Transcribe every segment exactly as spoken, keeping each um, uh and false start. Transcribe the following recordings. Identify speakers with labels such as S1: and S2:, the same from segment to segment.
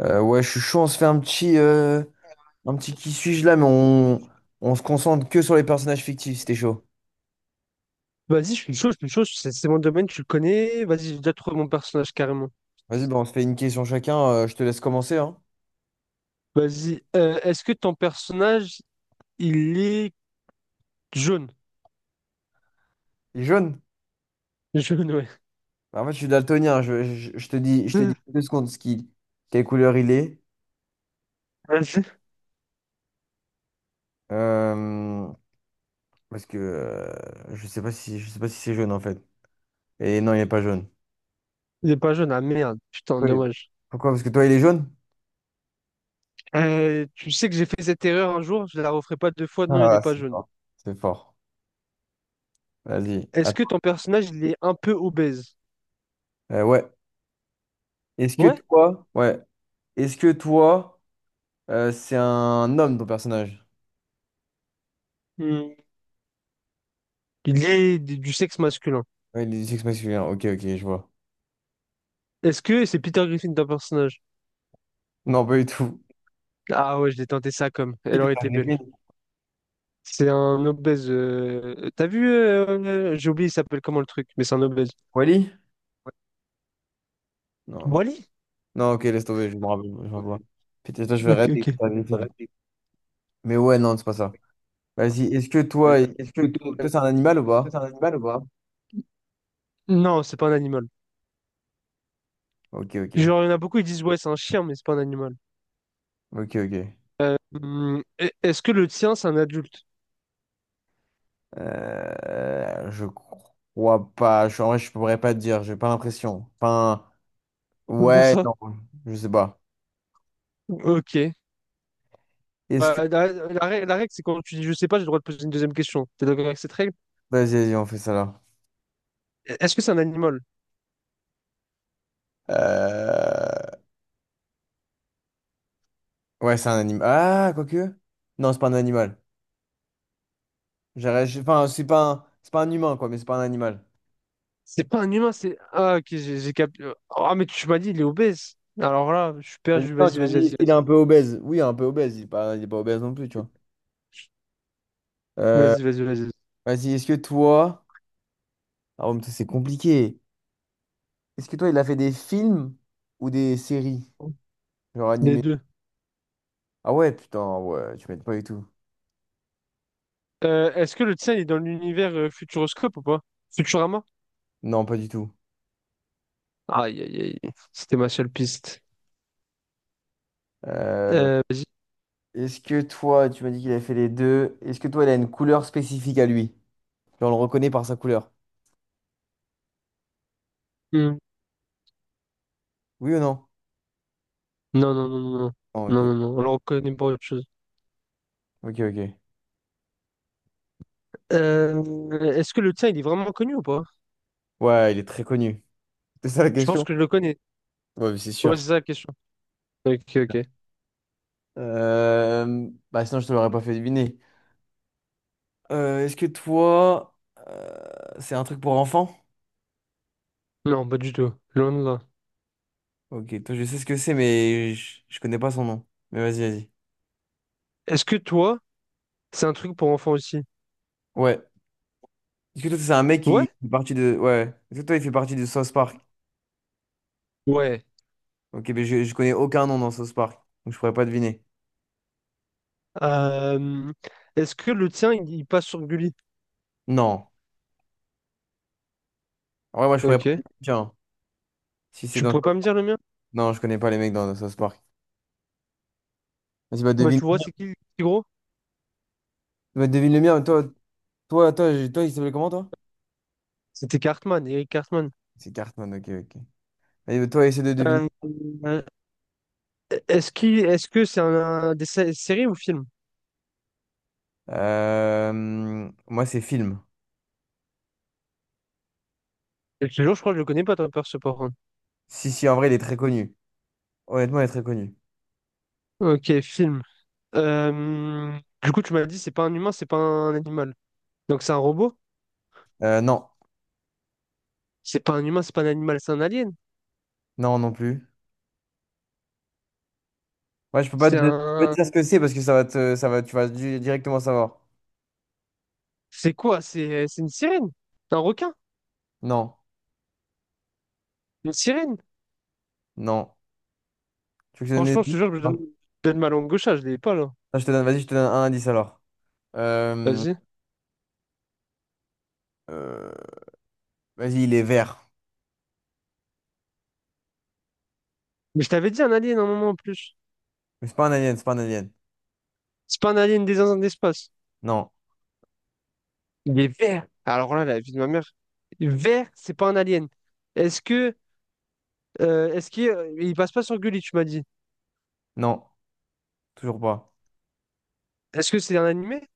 S1: Euh, ouais, je suis chaud, on se fait un petit, euh, un petit qui suis-je là, mais on, on se concentre que sur les personnages fictifs, c'était chaud.
S2: Vas-y, je suis chaud, je suis chaud, c'est c'est mon domaine, tu le connais. Vas-y, j'ai déjà trouvé mon personnage carrément.
S1: Vas-y, bah, on se fait une question chacun, euh, je te laisse commencer, hein.
S2: Vas-y, euh, est-ce que ton personnage, il est jaune?
S1: Il est jaune.
S2: Jaune, ouais.
S1: Bah, en fait, je suis daltonien, je, je, je te dis, je te dis deux secondes ce qui, quelle couleur il est.
S2: Vas-y.
S1: Euh, parce que euh, je sais pas si, je sais pas si c'est jaune en fait. Et non, il est pas jaune.
S2: Il est pas jaune, ah merde, putain,
S1: Oui.
S2: dommage.
S1: Pourquoi? Parce que toi, il est jaune?
S2: Euh, tu sais que j'ai fait cette erreur un jour, je la referai pas deux fois, non, il est
S1: Ah,
S2: pas
S1: c'est
S2: jaune.
S1: fort. C'est fort. Vas-y.
S2: Est-ce que
S1: Attends.
S2: ton personnage, il est un peu obèse?
S1: Euh, ouais. Est-ce que
S2: Ouais.
S1: toi, ouais. Est-ce que toi, Euh, c'est un homme, ton personnage.
S2: Hmm. Il est du du sexe masculin.
S1: Ouais, il est du sexe masculin. Ok, ok, je vois.
S2: Est-ce que c'est Peter Griffin ton personnage?
S1: Non, pas du tout.
S2: Ah ouais, je l'ai tenté ça comme,
S1: Qui
S2: elle aurait
S1: Peter
S2: été belle.
S1: Griffin?
S2: C'est un obèse. euh, T'as vu, euh, j'ai oublié, il s'appelle comment le truc, mais c'est un obèse.
S1: Wally? Non. je-
S2: Wally?
S1: Non, ok, laisse tomber, je me rappelle, je me rappelle pas. Putain, toi, je vais rêver
S2: Ok,
S1: avec Peter
S2: ok.
S1: Griffin. Mais ouais, non, c'est pas ça. Vas-y, est-ce que toi, est-ce que toi, toi, c'est un animal ou pas?
S2: Non, c'est pas un animal.
S1: Ok, ok.
S2: Genre, il y en a beaucoup, ils disent, ouais, c'est un chien, mais c'est pas un animal.
S1: Ok, ok.
S2: Hum, e- est-ce que le tien, c'est un adulte?
S1: Euh, je crois pas. Je, en vrai, je pourrais pas te dire, j'ai pas l'impression. Enfin,
S2: Comment
S1: ouais,
S2: ça?
S1: non, je sais pas.
S2: Ok.
S1: Est-ce
S2: Bah,
S1: que...
S2: la, la rè- la règle, c'est quand tu dis, je sais pas, j'ai le droit de poser une deuxième question. T'es d'accord avec cette règle?
S1: Vas-y, vas-y, on fait ça là.
S2: E-, Est-ce que c'est un animal?
S1: Euh, Ouais, c'est un animal. Ah, quoique. Non, c'est pas un animal. J'aurais- j'ai- Enfin, c'est pas un... c'est pas un humain, quoi, mais c'est pas un animal.
S2: C'est pas un humain, c'est. Ah, ok, j'ai j'ai cap... Ah, mais tu m'as dit, il est obèse. Alors là, je suis
S1: Vas-y,
S2: perdu.
S1: non, tu
S2: Vas-y,
S1: m'as
S2: vas-y,
S1: dit,
S2: vas-y,
S1: est-ce qu'il est
S2: vas-y.
S1: un peu obèse? Oui, un peu obèse. Il est pas, il est pas obèse non plus, tu vois. Euh,
S2: Vas-y, vas-y, vas-y.
S1: Vas-y, est-ce que toi. Ah, ouais, mais ça, c'est compliqué. Est-ce que toi, il a fait des films ou des séries? Genre
S2: Les
S1: animées?
S2: deux.
S1: Ah ouais, putain, ouais, tu m'aides pas du tout.
S2: Euh, est-ce que le tien il est dans l'univers euh, Futuroscope ou pas? Futurama?
S1: Non, pas du tout.
S2: Aïe, aïe, aïe. C'était ma seule piste.
S1: Euh,
S2: Euh, vas-y.
S1: Est-ce que toi, tu m'as dit qu'il a fait les deux. Est-ce que toi, il a une couleur spécifique à lui? Genre, on le reconnaît par sa couleur.
S2: Hmm.
S1: Oui ou non?
S2: Non, non, non, non, non.
S1: Non, ok.
S2: Non, non, non. Alors, on connaît pas autre chose.
S1: Ok, ok.
S2: Euh, Est-ce que le tien, il est vraiment connu ou pas?
S1: Ouais, il est très connu. C'est ça la
S2: Je pense
S1: question?
S2: que je le connais.
S1: Ouais, mais c'est
S2: Ouais,
S1: sûr.
S2: c'est ça la question. Ok, ok.
S1: Euh, Bah, sinon, je te l'aurais pas fait deviner. Euh, est-ce que toi, euh, c'est un truc pour enfants?
S2: Non, pas du tout. Loin de là.
S1: Ok, toi, je sais ce que c'est, mais je, je connais pas son nom. Mais vas-y, vas-y.
S2: Est-ce que toi, c'est un truc pour enfants aussi?
S1: Ouais. Est-ce que toi, c'est un mec qui
S2: Ouais?
S1: fait partie de. Ouais. Est-ce que toi, il fait partie de South Park?
S2: Ouais.
S1: Ok, mais je, je connais aucun nom dans South Park. Donc, je pourrais pas deviner.
S2: Euh, Est-ce que le tien, il, il passe sur Gulli?
S1: Non. Ouais, moi, je pourrais pas deviner.
S2: Ok.
S1: Tiens, si c'est
S2: Tu
S1: dans.
S2: pourrais pas me dire le mien?
S1: Non, je connais pas les mecs dans South Park. Vas-y, bah,
S2: Bah,
S1: devine.
S2: tu vois, c'est qui le petit gros?
S1: Bah, devine le mien. Toi, toi, toi, toi, il s'appelait comment, toi?
S2: C'était Cartman, Eric Cartman.
S1: C'est Cartman, ok, ok. Allez, toi, essaie de deviner.
S2: Euh, Euh, Est-ce qu'il, est-ce que c'est un, un des sé- séries ou film?
S1: Euh, moi, c'est film.
S2: Et toujours, je crois que je le connais pas, Tom Perce, par contre.
S1: Si, si, en vrai, il est très connu. Honnêtement, il est très connu.
S2: Ok, film. Euh, du coup, tu m'as dit, c'est pas un humain, c'est pas un animal. Donc, c'est un robot?
S1: Euh, non,
S2: C'est pas un humain, c'est pas un animal, c'est un alien.
S1: non, non plus. Moi, je peux pas te,
S2: C'est
S1: Je peux pas te
S2: un.
S1: dire ce que c'est parce que ça va te, ça va, tu vas di- directement savoir.
S2: C'est quoi? C'est c'est une sirène? Un requin?
S1: Non,
S2: Une sirène?
S1: non. Tu veux que je te donne des
S2: Franchement, je
S1: indices?
S2: te jure, je donne,
S1: Non.
S2: je donne ma langue gauche, ah, je l'ai pas là.
S1: Non, je te donne, vas-y, je te donne un indice alors. Euh,
S2: Vas-y.
S1: euh, Vas-y, il est vert.
S2: Mais je t'avais dit un alien un moment en plus.
S1: Mais c'est pas un alien, c'est pas un alien.
S2: C'est pas un alien des zinzins de l'espace.
S1: Non,
S2: Il est vert. Alors là, la vie de ma mère. Vert, c'est pas un alien. Est-ce que Euh, est-ce qu'il euh, il passe pas sur Gulli, tu m'as dit?
S1: non, toujours pas.
S2: Est-ce que c'est un animé?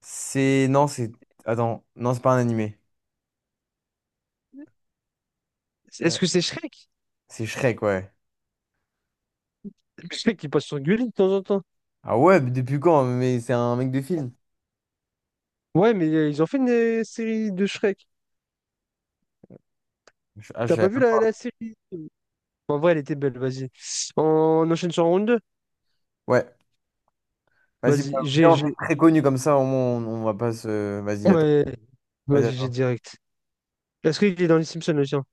S1: C'est, non, c'est, Attends, non, c'est pas un animé. Euh,
S2: Est-ce que c'est Shrek?
S1: C'est Shrek, ouais.
S2: Shrek, il passe sur Gulli de temps en temps.
S1: Ah ouais, mais depuis quand? Mais c'est un mec de film.
S2: Ouais, mais euh, ils ont fait une euh, série de Shrek.
S1: Je- Ah, je
S2: T'as
S1: savais
S2: pas vu
S1: même
S2: la,
S1: pas.
S2: la série? En vrai, elle était belle, vas-y. On enchaîne sur round deux.
S1: Ouais. Vas-y, bah,
S2: Vas-y, j'ai,
S1: viens, on fait
S2: j'ai.
S1: très connu comme ça, au moins on, on va pas se. Vas-y, à toi.
S2: Ouais,
S1: Vas-y, à
S2: vas-y, j'ai
S1: toi.
S2: direct. Est-ce qu'il est dans les Simpsons, le tien?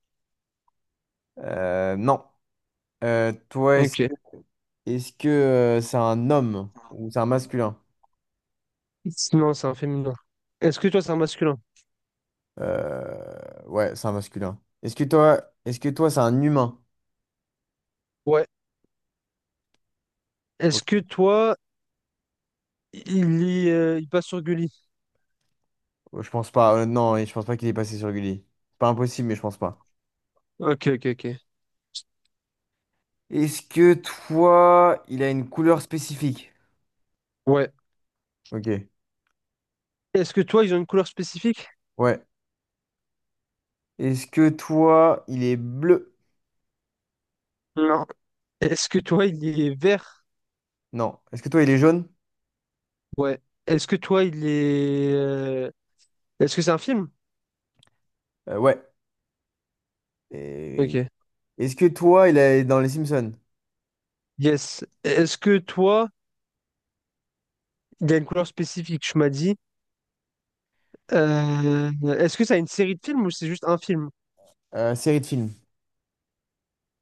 S1: Euh, non. Euh, toi, est-ce
S2: Ok.
S1: que est-ce que, euh, c'est un homme ou c'est un masculin?
S2: Non, c'est un féminin. Est-ce que toi, c'est un masculin?
S1: Euh, Ouais, c'est un masculin. Est-ce que toi, est-ce que toi, c'est un humain?
S2: Ouais. Est-ce que toi, il, y, euh, il passe sur Gulli?
S1: Oh, je pense pas. Euh, non, et je pense pas qu'il est passé sur Gulli. Pas impossible, mais je pense pas.
S2: Ok, ok, ok.
S1: Est-ce que toi, il a une couleur spécifique?
S2: Ouais.
S1: Ok.
S2: Est-ce que toi, ils ont une couleur spécifique?
S1: Ouais. Est-ce que toi, il est bleu?
S2: Non. Est-ce que toi, il est vert?
S1: Non. Est-ce que toi, il est jaune?
S2: Ouais. Est-ce que toi, il est... euh, Est-ce que c'est un film?
S1: Euh, ouais.
S2: Ok.
S1: Et- Est-ce que toi, il est dans Les Simpsons?
S2: Yes. Est-ce que toi, il y a une couleur spécifique, tu m'as dit. Euh, Est-ce que ça a une série de films ou c'est juste un film?
S1: Euh, série de films.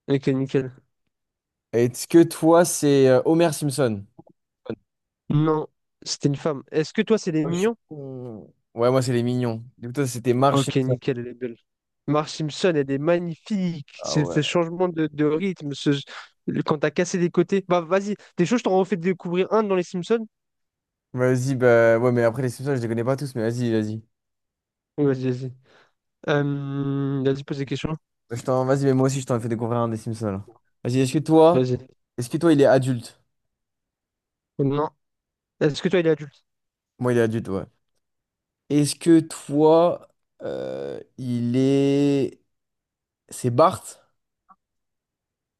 S2: Ok, nickel.
S1: Est-ce que toi, c'est euh, Homer Simpson?
S2: Non, c'était une femme. Est-ce que toi, c'est les
S1: Ah, je suis
S2: mignons?
S1: con. Ouais, moi, c'est les mignons. Du coup, toi, c'était Marge
S2: Ok,
S1: Simpson.
S2: nickel, elle est belle. Marge Simpson, elle est magnifique.
S1: Ah
S2: C'est
S1: ouais.
S2: ce changement de, de rythme, ce, le- quand t'as cassé des côtés. Bah, vas-y, des choses, je t'en refais découvrir un dans les Simpsons.
S1: Vas-y, bah ouais, mais après, les Simpsons, je les connais pas tous, mais vas-y, vas-y.
S2: Oui, vas-y, vas-y. Euh, vas-y, pose des questions.
S1: Bah, Je t'en... Vas-y, mais moi aussi, je t'en ai fait découvrir un des Simpsons. Là. Vas-y, est-ce que toi,
S2: Vas-y.
S1: est-ce que toi, il est adulte?
S2: Non. Est-ce que toi, il est adulte?
S1: Moi, il est adulte, ouais. Est-ce que toi, euh, il est... c'est Bart?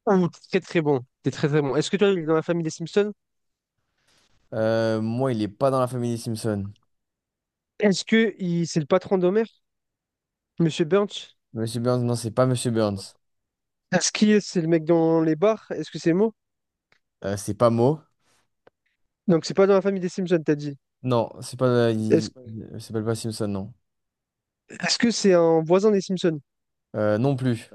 S2: Ouh, très très bon. T'es très très bon. Est-ce que toi, il est dans la famille des Simpsons?
S1: Euh, moi, il est pas dans la famille des Simpsons.
S2: Est-ce que il... c'est le patron d'Homer? Monsieur Burns?
S1: Monsieur Burns, non, c'est pas Monsieur Burns.
S2: Est-ce qu'il C'est le mec dans les bars? Est-ce que c'est Mo?
S1: Euh, c'est pas Mo.
S2: Donc, c'est pas dans la famille des Simpsons, t'as dit.
S1: Non, c'est pas. Euh,
S2: Est-ce
S1: il il s'appelle pas Simpson, non.
S2: Est-ce que c'est un voisin des Simpsons?
S1: Euh, non plus.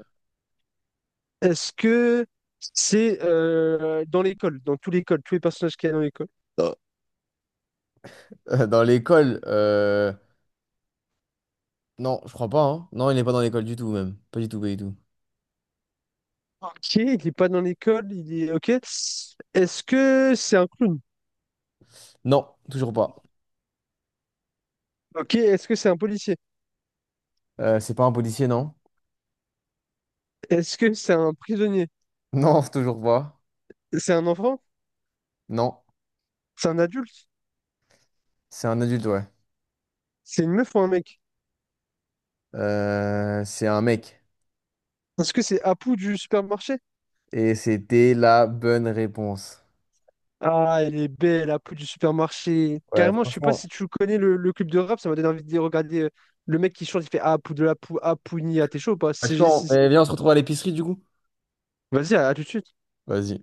S2: Est-ce que c'est euh, dans l'école, dans tous l'école, tous les personnages qu'il y a dans l'école?
S1: Euh, dans l'école, euh... non, je crois pas. Hein. Non, il n'est pas dans l'école du tout, même. Pas du tout, pas du tout.
S2: Ok, il n'est pas dans l'école, il est... Ok. Est-ce que c'est un clown?
S1: Non, toujours pas.
S2: Ok, est-ce que c'est un policier?
S1: Euh, c'est pas un policier, non?
S2: Est-ce que c'est un prisonnier?
S1: Non, toujours pas.
S2: C'est un enfant?
S1: Non,
S2: C'est un adulte?
S1: c'est un adulte, ouais.
S2: C'est une meuf ou un mec?
S1: Euh, c'est un mec.
S2: Est-ce que c'est Apu du supermarché?
S1: Et c'était la bonne réponse.
S2: Ah, elle est belle, Apu du supermarché.
S1: Ouais,
S2: Carrément, je sais pas
S1: franchement.
S2: si tu connais le, le club de rap, ça m'a donné envie de regarder euh, le mec qui chante, il fait Apu de la pou, Apu ni à t'es chaud ou pas?
S1: Franchement,
S2: C G six.
S1: eh bien, on se retrouve à l'épicerie, du coup.
S2: Vas-y, à, à tout de suite.
S1: Vas-y.